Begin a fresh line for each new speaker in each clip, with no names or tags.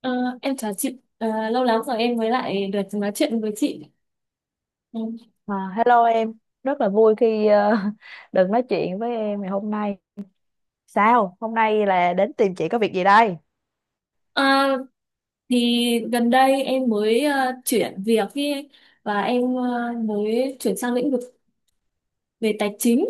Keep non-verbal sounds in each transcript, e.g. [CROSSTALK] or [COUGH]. Ờ, em chào chị. Ờ, Lâu lắm rồi em mới lại được nói chuyện với chị. Ừ.
À, hello em, rất là vui khi [LAUGHS] được nói chuyện với em ngày hôm nay. Sao? Hôm nay là đến tìm chị có việc gì đây?
Ờ, thì gần đây em mới chuyển việc ý, và em mới chuyển sang lĩnh vực về tài chính,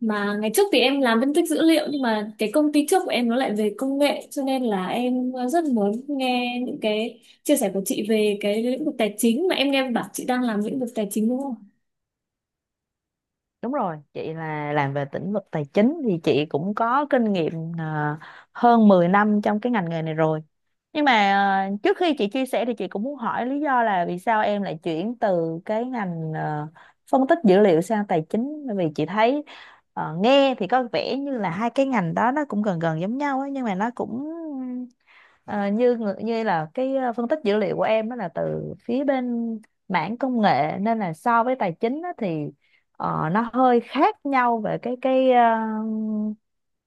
mà ngày trước thì em làm phân tích dữ liệu, nhưng mà cái công ty trước của em nó lại về công nghệ, cho nên là em rất muốn nghe những cái chia sẻ của chị về cái lĩnh vực tài chính, mà em nghe bảo chị đang làm lĩnh vực tài chính, đúng không?
Đúng rồi, chị là làm về lĩnh vực tài chính thì chị cũng có kinh nghiệm ờ, hơn 10 năm trong cái ngành nghề này rồi. Nhưng mà trước khi chị chia sẻ thì chị cũng muốn hỏi lý do là vì sao em lại chuyển từ cái ngành phân tích dữ liệu sang tài chính, bởi vì chị thấy nghe thì có vẻ như là hai cái ngành đó nó cũng gần gần giống nhau ấy, nhưng mà nó cũng như là cái phân tích dữ liệu của em đó là từ phía bên mảng công nghệ, nên là so với tài chính á thì nó hơi khác nhau về cái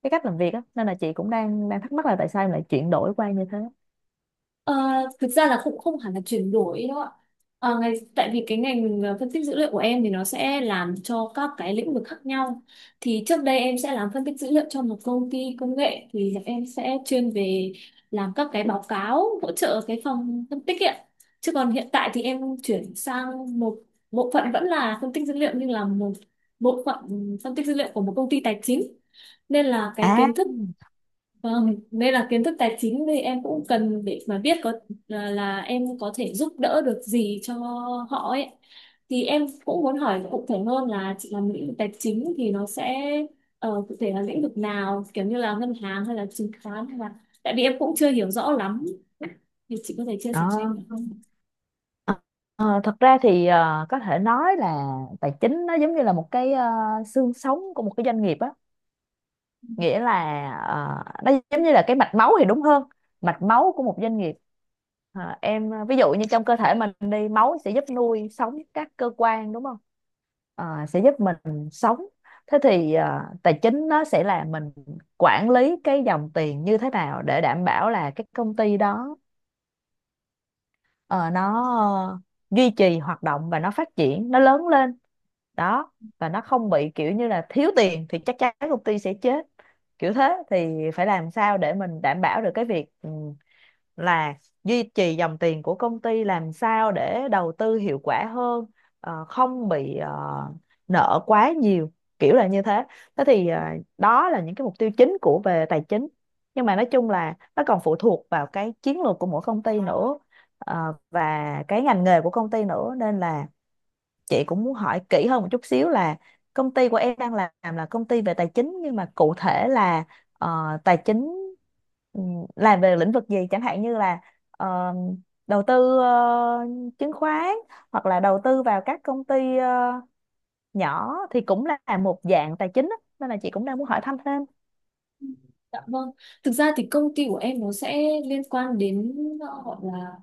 cái cách làm việc á, nên là chị cũng đang đang thắc mắc là tại sao em lại chuyển đổi qua như thế.
Ờ, Thực ra là cũng không hẳn là chuyển đổi đâu ạ. Tại vì cái ngành phân tích dữ liệu của em thì nó sẽ làm cho các cái lĩnh vực khác nhau. Thì trước đây em sẽ làm phân tích dữ liệu cho một công ty công nghệ, thì là em sẽ chuyên về làm các cái báo cáo hỗ trợ cái phòng phân tích ạ. Chứ còn hiện tại thì em chuyển sang một bộ phận vẫn là phân tích dữ liệu, nhưng là một bộ phận phân tích dữ liệu của một công ty tài chính. Nên là cái
À,
kiến thức. Vâng, đây là kiến thức tài chính thì em cũng cần để mà biết có là em có thể giúp đỡ được gì cho họ ấy. Thì em cũng muốn hỏi cụ thể hơn là chị làm lĩnh vực tài chính thì nó sẽ cụ thể là lĩnh vực nào, kiểu như là ngân hàng hay là chứng khoán hay là, tại vì em cũng chưa hiểu rõ lắm. Thì chị có thể chia sẻ cho
đó.
em được không?
Ờ, thật ra thì có thể nói là tài chính nó giống như là một cái xương sống của một cái doanh nghiệp á, nghĩa là nó giống như là cái mạch máu thì đúng hơn, mạch máu của một doanh nghiệp. Ờ, em ví dụ như trong cơ thể mình đi, máu sẽ giúp nuôi sống các cơ quan đúng không? Ờ, sẽ giúp mình sống. Thế thì tài chính nó sẽ là mình quản lý cái dòng tiền như thế nào để đảm bảo là cái công ty đó ờ, nó ờ, duy trì hoạt động và nó phát triển, nó lớn lên đó, và nó không bị kiểu như là thiếu tiền, thì chắc chắn công ty sẽ chết, kiểu thế. Thì phải làm sao để mình đảm bảo được cái việc là duy trì dòng tiền của công ty, làm sao để đầu tư hiệu quả hơn, không bị nợ quá nhiều, kiểu là như thế. Thế thì đó là những cái mục tiêu chính của về tài chính, nhưng mà nói chung là nó còn phụ thuộc vào cái chiến lược của mỗi công ty nữa, và cái ngành nghề của công ty nữa, nên là chị cũng muốn hỏi kỹ hơn một chút xíu là công ty của em đang làm là công ty về tài chính, nhưng mà cụ thể là tài chính ừm, làm về lĩnh vực gì, chẳng hạn như là ờ, đầu tư chứng khoán, hoặc là đầu tư vào các công ty nhỏ thì cũng là một dạng tài chính á. Nên là chị cũng đang muốn hỏi thăm thêm.
Dạ vâng. Thực ra thì công ty của em nó sẽ liên quan đến, gọi là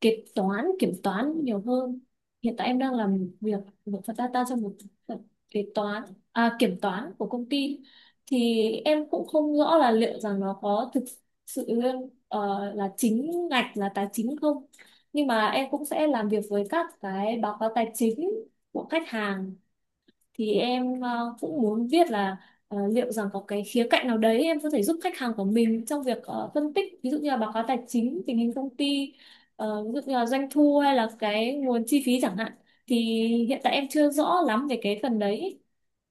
kế toán kiểm toán nhiều hơn. Hiện tại em đang làm việc một phần data cho một phần kế toán, à, kiểm toán của công ty, thì em cũng không rõ là liệu rằng nó có thực sự là chính ngạch là tài chính không, nhưng mà em cũng sẽ làm việc với các cái báo cáo tài chính của khách hàng. Thì em cũng muốn viết là, liệu rằng có cái khía cạnh nào đấy em có thể giúp khách hàng của mình trong việc phân tích, ví dụ như là báo cáo tài chính, tình hình công ty, ví dụ như là doanh thu hay là cái nguồn chi phí chẳng hạn. Thì hiện tại em chưa rõ lắm về cái phần đấy,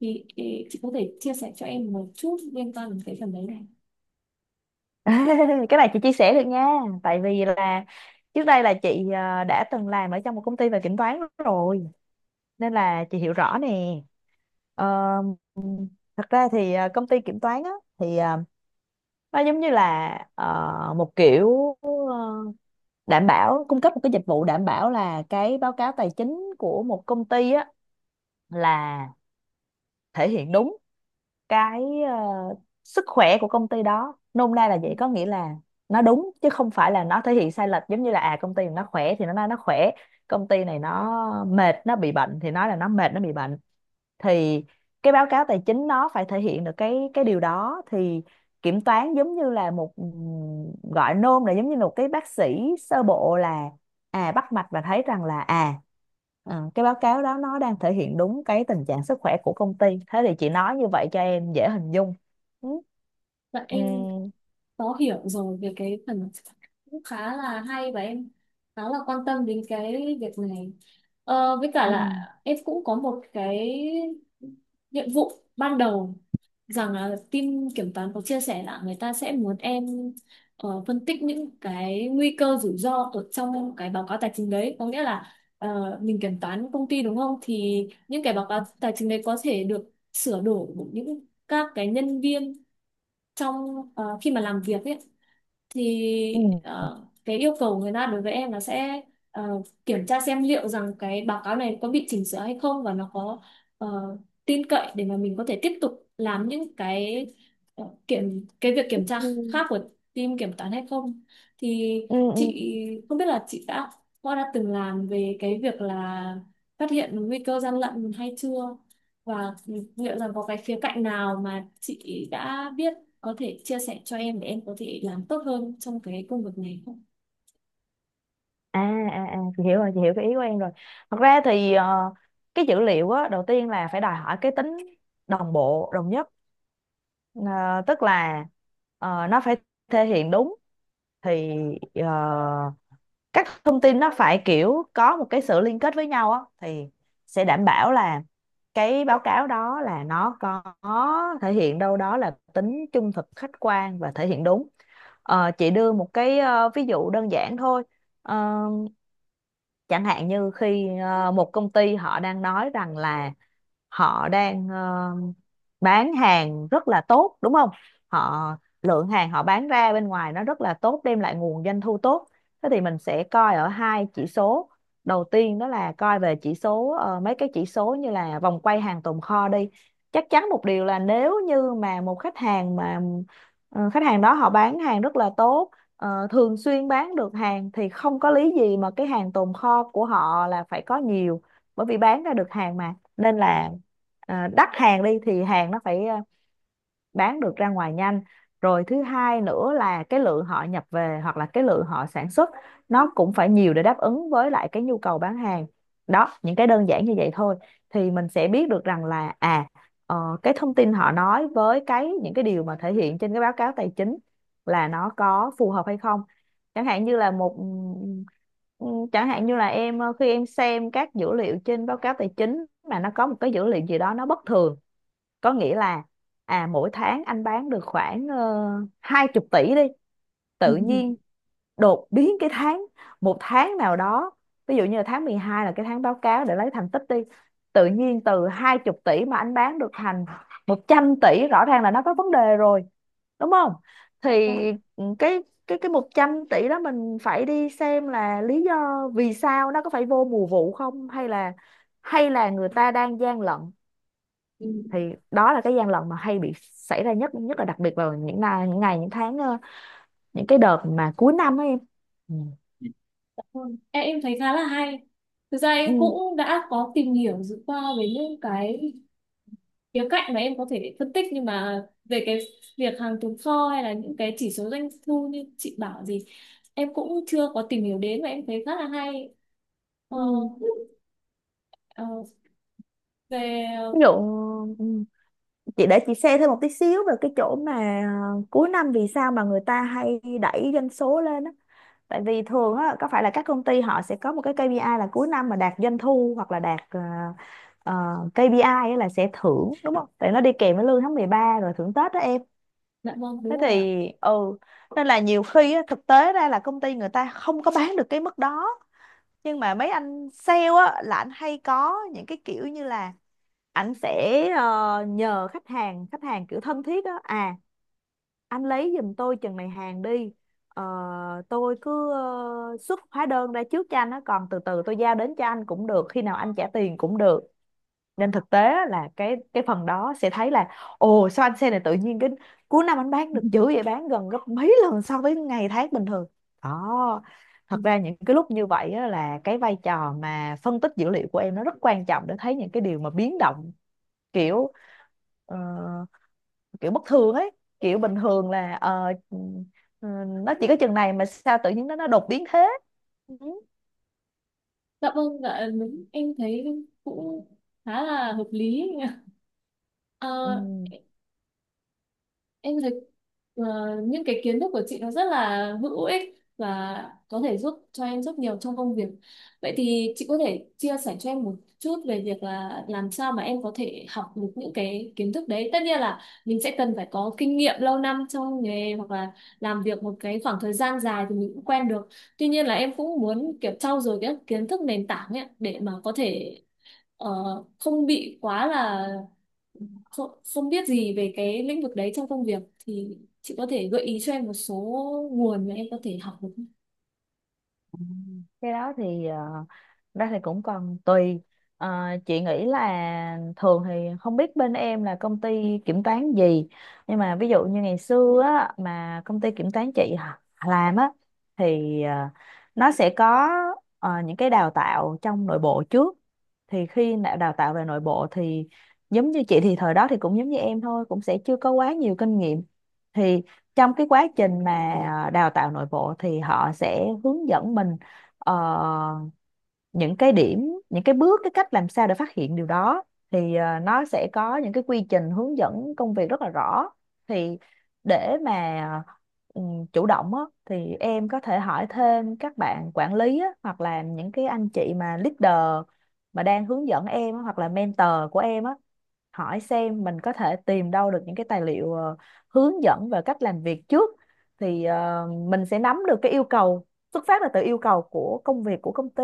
thì ý, chị có thể chia sẻ cho em một chút liên quan đến cái phần đấy này?
[LAUGHS] Cái này chị chia sẻ được nha, tại vì là trước đây là chị đã từng làm ở trong một công ty về kiểm toán rồi, nên là chị hiểu rõ nè. Ờ, thật ra thì công ty kiểm toán á, thì nó giống như là một kiểu đảm bảo, cung cấp một cái dịch vụ đảm bảo là cái báo cáo tài chính của một công ty á là thể hiện đúng cái sức khỏe của công ty đó, nôm na là vậy. Có nghĩa là nó đúng chứ không phải là nó thể hiện sai lệch, giống như là à, công ty nó khỏe thì nó nói nó khỏe, công ty này nó mệt nó bị bệnh thì nói là nó mệt nó bị bệnh. Thì cái báo cáo tài chính nó phải thể hiện được cái điều đó. Thì kiểm toán giống như là một, gọi nôm là giống như một cái bác sĩ sơ bộ, là à, bắt mạch và thấy rằng là à cái báo cáo đó nó đang thể hiện đúng cái tình trạng sức khỏe của công ty. Thế thì chị nói như vậy cho em dễ hình dung. Ừ.
Dạ em
Ừm.
có hiểu rồi về cái phần, cũng khá là hay và em khá là quan tâm đến cái việc này. Với cả
Ừ.
là em cũng có một cái nhiệm vụ ban đầu rằng là team kiểm toán có chia sẻ là người ta sẽ muốn em phân tích những cái nguy cơ rủi ro ở trong cái báo cáo tài chính đấy. Có nghĩa là mình kiểm toán công ty, đúng không, thì những cái báo cáo tài chính đấy có thể được sửa đổi bởi những các cái nhân viên trong khi mà làm việc ấy. Thì cái yêu cầu người ta đối với em là sẽ kiểm tra xem liệu rằng cái báo cáo này có bị chỉnh sửa hay không, và nó có ờ, tin cậy để mà mình có thể tiếp tục làm những cái ờ, kiểm cái việc
Ừ.
kiểm tra khác của team kiểm toán hay không. Thì
Ừ. Ừ.
chị không biết là chị đã từng làm về cái việc là phát hiện nguy cơ gian lận hay chưa, và liệu rằng có cái khía cạnh nào mà chị đã biết có thể chia sẻ cho em để em có thể làm tốt hơn trong cái công việc này không?
À à à, chị hiểu rồi, chị hiểu cái ý của em rồi. Thật ra thì cái dữ liệu á, đầu tiên là phải đòi hỏi cái tính đồng bộ, đồng nhất. Ờ, tức là nó phải thể hiện đúng, thì ờ, các thông tin nó phải kiểu có một cái sự liên kết với nhau á, thì sẽ đảm bảo là cái báo cáo đó là nó có thể hiện đâu đó là tính trung thực, khách quan và thể hiện đúng. Ờ, chị đưa một cái ví dụ đơn giản thôi. Ờ, chẳng hạn như khi một công ty họ đang nói rằng là họ đang bán hàng rất là tốt, đúng không? Họ, lượng hàng họ bán ra bên ngoài nó rất là tốt, đem lại nguồn doanh thu tốt. Thế thì mình sẽ coi ở hai chỉ số. Đầu tiên đó là coi về chỉ số, mấy cái chỉ số như là vòng quay hàng tồn kho đi. Chắc chắn một điều là nếu như mà một khách hàng mà khách hàng đó họ bán hàng rất là tốt, thường xuyên bán được hàng, thì không có lý gì mà cái hàng tồn kho của họ là phải có nhiều, bởi vì bán ra được hàng mà, nên là à, đắt hàng đi thì hàng nó phải à, bán được ra ngoài nhanh. Rồi thứ hai nữa là cái lượng họ nhập về hoặc là cái lượng họ sản xuất nó cũng phải nhiều để đáp ứng với lại cái nhu cầu bán hàng đó. Những cái đơn giản như vậy thôi thì mình sẽ biết được rằng là à cái thông tin họ nói với cái những cái điều mà thể hiện trên cái báo cáo tài chính là nó có phù hợp hay không. Chẳng hạn như là một, ừ, chẳng hạn như là em khi em xem các dữ liệu trên báo cáo tài chính mà nó có một cái dữ liệu gì đó nó bất thường, có nghĩa là à, mỗi tháng anh bán được khoảng 20 tỷ đi, tự nhiên
[LAUGHS]
đột biến cái tháng, một tháng nào đó, ví dụ như là tháng 12 là cái tháng báo cáo để lấy thành tích đi, tự nhiên từ 20 tỷ mà anh bán được thành 100 tỷ, rõ ràng là nó có vấn đề rồi, đúng không?
Ừ, ừ, ừ.
Thì
Vâng,
cái 100 tỷ đó mình phải đi xem là lý do vì sao, nó có phải vô mùa vụ không, hay là hay là người ta đang gian lận.
ừ,
Thì đó là cái gian lận mà hay bị xảy ra nhất, nhất là đặc biệt vào những ngày, những ngày, những tháng, những cái đợt mà cuối năm ấy em. Ừ.
dạ vâng. Em thấy khá là hay. Thực ra em
Ừ.
cũng đã có tìm hiểu dự qua về những cái khía cạnh mà em có thể phân tích, nhưng mà về cái việc hàng tồn kho hay là những cái chỉ số doanh thu như chị bảo gì, em cũng chưa có tìm hiểu đến và em thấy khá là hay. Ờ,
Ừ.
ờ,
Ví dụ,
về
ừ, chị để chị share thêm một tí xíu về cái chỗ mà cuối năm vì sao mà người ta hay đẩy doanh số lên á. Tại vì thường á, có phải là các công ty họ sẽ có một cái KPI là cuối năm mà đạt doanh thu hoặc là đạt ờ, KPI á là sẽ thưởng, đúng không? Tại nó đi kèm với lương tháng 13 rồi thưởng Tết đó em.
Dạ vâng, đúng
Thế
rồi ạ.
thì nên là nhiều khi á, thực tế ra là công ty người ta không có bán được cái mức đó, nhưng mà mấy anh sale á là anh hay có những cái kiểu như là ảnh sẽ nhờ khách hàng, khách hàng kiểu thân thiết á, à, anh lấy giùm tôi chừng này hàng đi. Ờ, tôi cứ xuất hóa đơn ra trước cho anh á, còn từ từ tôi giao đến cho anh cũng được, khi nào anh trả tiền cũng được. Nên thực tế á là cái phần đó sẽ thấy là, ồ, sao anh xe này tự nhiên cái cuối năm anh bán
[LAUGHS] Ừ,
được dữ vậy, bán gần gấp mấy lần so với ngày tháng bình thường. Đó,
ừ. Ừ.
thật ra những cái lúc như vậy á là cái vai trò mà phân tích dữ liệu của em nó rất quan trọng, để thấy những cái điều mà biến động kiểu ờ, kiểu bất thường ấy, kiểu bình thường là ừ, nó chỉ có chừng này mà sao tự nhiên nó đột biến thế. Ừ.
Dạ vâng, dạ đúng, em thấy cũng khá là hợp lý. [LAUGHS]
Ừ.
Ờ, em thấy ờ, những cái kiến thức của chị nó rất là hữu ích và có thể giúp cho em rất nhiều trong công việc. Vậy thì chị có thể chia sẻ cho em một chút về việc là làm sao mà em có thể học được những cái kiến thức đấy. Tất nhiên là mình sẽ cần phải có kinh nghiệm lâu năm trong nghề, hoặc là làm việc một cái khoảng thời gian dài thì mình cũng quen được. Tuy nhiên là em cũng muốn kiểu trau dồi cái kiến thức nền tảng ấy để mà có thể ờ, không bị quá là không biết gì về cái lĩnh vực đấy trong công việc. Thì chị có thể gợi ý cho em một số nguồn mà em có thể học được không?
Cái đó thì ra thì cũng còn tùy. Ờ, chị nghĩ là thường thì không biết bên em là công ty kiểm toán gì, nhưng mà ví dụ như ngày xưa á, mà công ty kiểm toán chị làm á, thì nó sẽ có những cái đào tạo trong nội bộ trước. Thì khi đã đào tạo về nội bộ thì giống như chị thì thời đó thì cũng giống như em thôi, cũng sẽ chưa có quá nhiều kinh nghiệm. Thì trong cái quá trình mà đào tạo nội bộ thì họ sẽ hướng dẫn mình ờ, những cái điểm, những cái bước, cái cách làm sao để phát hiện điều đó. Thì nó sẽ có những cái quy trình hướng dẫn công việc rất là rõ. Thì để mà chủ động á, thì em có thể hỏi thêm các bạn quản lý á, hoặc là những cái anh chị mà leader mà đang hướng dẫn em á, hoặc là mentor của em á, hỏi xem mình có thể tìm đâu được những cái tài liệu hướng dẫn về cách làm việc trước. Thì mình sẽ nắm được cái yêu cầu, xuất phát là từ yêu cầu của công việc của công ty.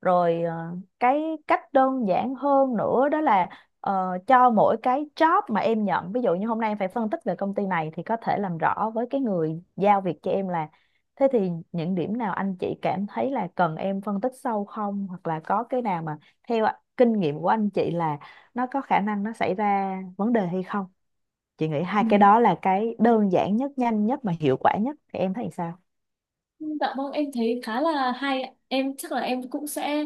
Rồi cái cách đơn giản hơn nữa đó là cho mỗi cái job mà em nhận, ví dụ như hôm nay em phải phân tích về công ty này, thì có thể làm rõ với cái người giao việc cho em là, thế thì những điểm nào anh chị cảm thấy là cần em phân tích sâu không, hoặc là có cái nào mà theo kinh nghiệm của anh chị là nó có khả năng nó xảy ra vấn đề hay không. Chị nghĩ hai
Ừ.
cái đó là cái đơn giản nhất, nhanh nhất mà hiệu quả nhất, thì em thấy sao?
Dạ vâng em thấy khá là hay ạ. Em chắc là em cũng sẽ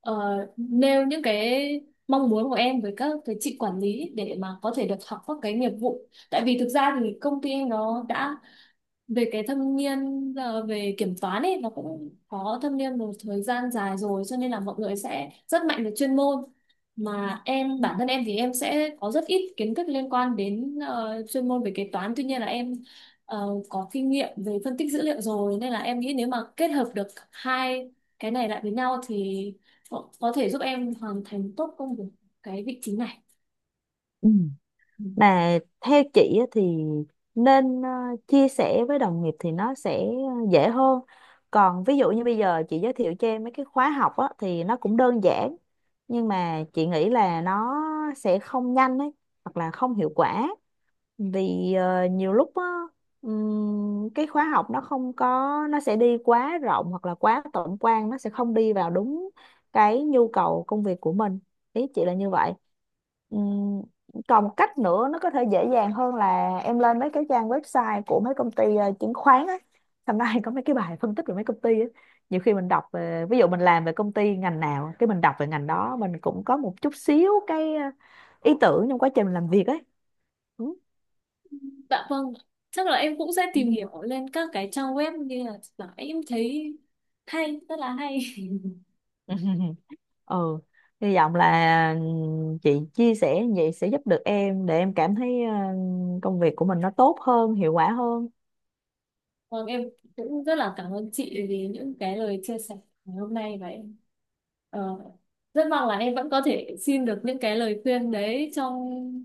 ờ, nêu những cái mong muốn của em với các cái chị quản lý để mà có thể được học các cái nghiệp vụ, tại vì thực ra thì công ty em nó đã về cái thâm niên, về kiểm toán ấy, nó cũng có thâm niên một thời gian dài rồi, cho nên là mọi người sẽ rất mạnh về chuyên môn. Mà em bản thân em thì em sẽ có rất ít kiến thức liên quan đến chuyên môn về kế toán, tuy nhiên là em có kinh nghiệm về phân tích dữ liệu rồi, nên là em nghĩ nếu mà kết hợp được hai cái này lại với nhau thì có thể giúp em hoàn thành tốt công việc cái vị trí này.
Ừ.
Ừ.
Mà theo chị á thì nên chia sẻ với đồng nghiệp thì nó sẽ dễ hơn. Còn ví dụ như bây giờ chị giới thiệu cho em mấy cái khóa học á thì nó cũng đơn giản, nhưng mà chị nghĩ là nó sẽ không nhanh ấy, hoặc là không hiệu quả. Vì nhiều lúc á, cái khóa học nó không có, nó sẽ đi quá rộng hoặc là quá tổng quan, nó sẽ không đi vào đúng cái nhu cầu công việc của mình. Ý chị là như vậy. Ừm, còn một cách nữa nó có thể dễ dàng hơn là em lên mấy cái trang website của mấy công ty chứng khoán á, hôm nay có mấy cái bài phân tích về mấy công ty á. Nhiều khi mình đọc về, ví dụ mình làm về công ty ngành nào cái mình đọc về ngành đó, mình cũng có một chút xíu cái ý tưởng trong quá trình mình làm việc ấy.
Dạ vâng, chắc là em cũng sẽ
Ừ.
tìm hiểu lên các cái trang web, như là em thấy hay, rất là hay. [LAUGHS]
[LAUGHS] Ừ, hy vọng là chị chia sẻ như vậy sẽ giúp được em, để em cảm thấy công việc của mình nó tốt hơn, hiệu quả hơn.
Vâng, em cũng rất là cảm ơn chị vì những cái lời chia sẻ ngày hôm nay, và em ờ, rất mong là em vẫn có thể xin được những cái lời khuyên đấy trong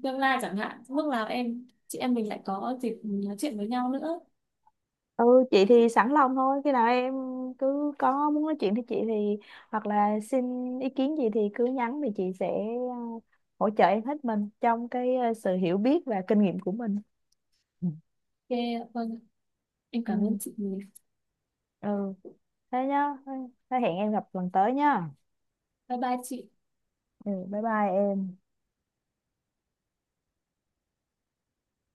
tương lai chẳng hạn. Lúc nào em chị em mình lại có dịp nói chuyện với nhau nữa.
Ừ, chị thì sẵn lòng thôi, khi nào em cứ có muốn nói chuyện với chị thì, hoặc là xin ý kiến gì thì cứ nhắn thì chị sẽ ờ, hỗ trợ em hết mình trong cái sự hiểu biết và kinh nghiệm của mình.
Ok, vâng, em cảm ơn
Ừ,
chị.
ừ. Thế nhá, thế hẹn em gặp lần tới nhá.
Bye bye chị.
Ừ, bye bye em.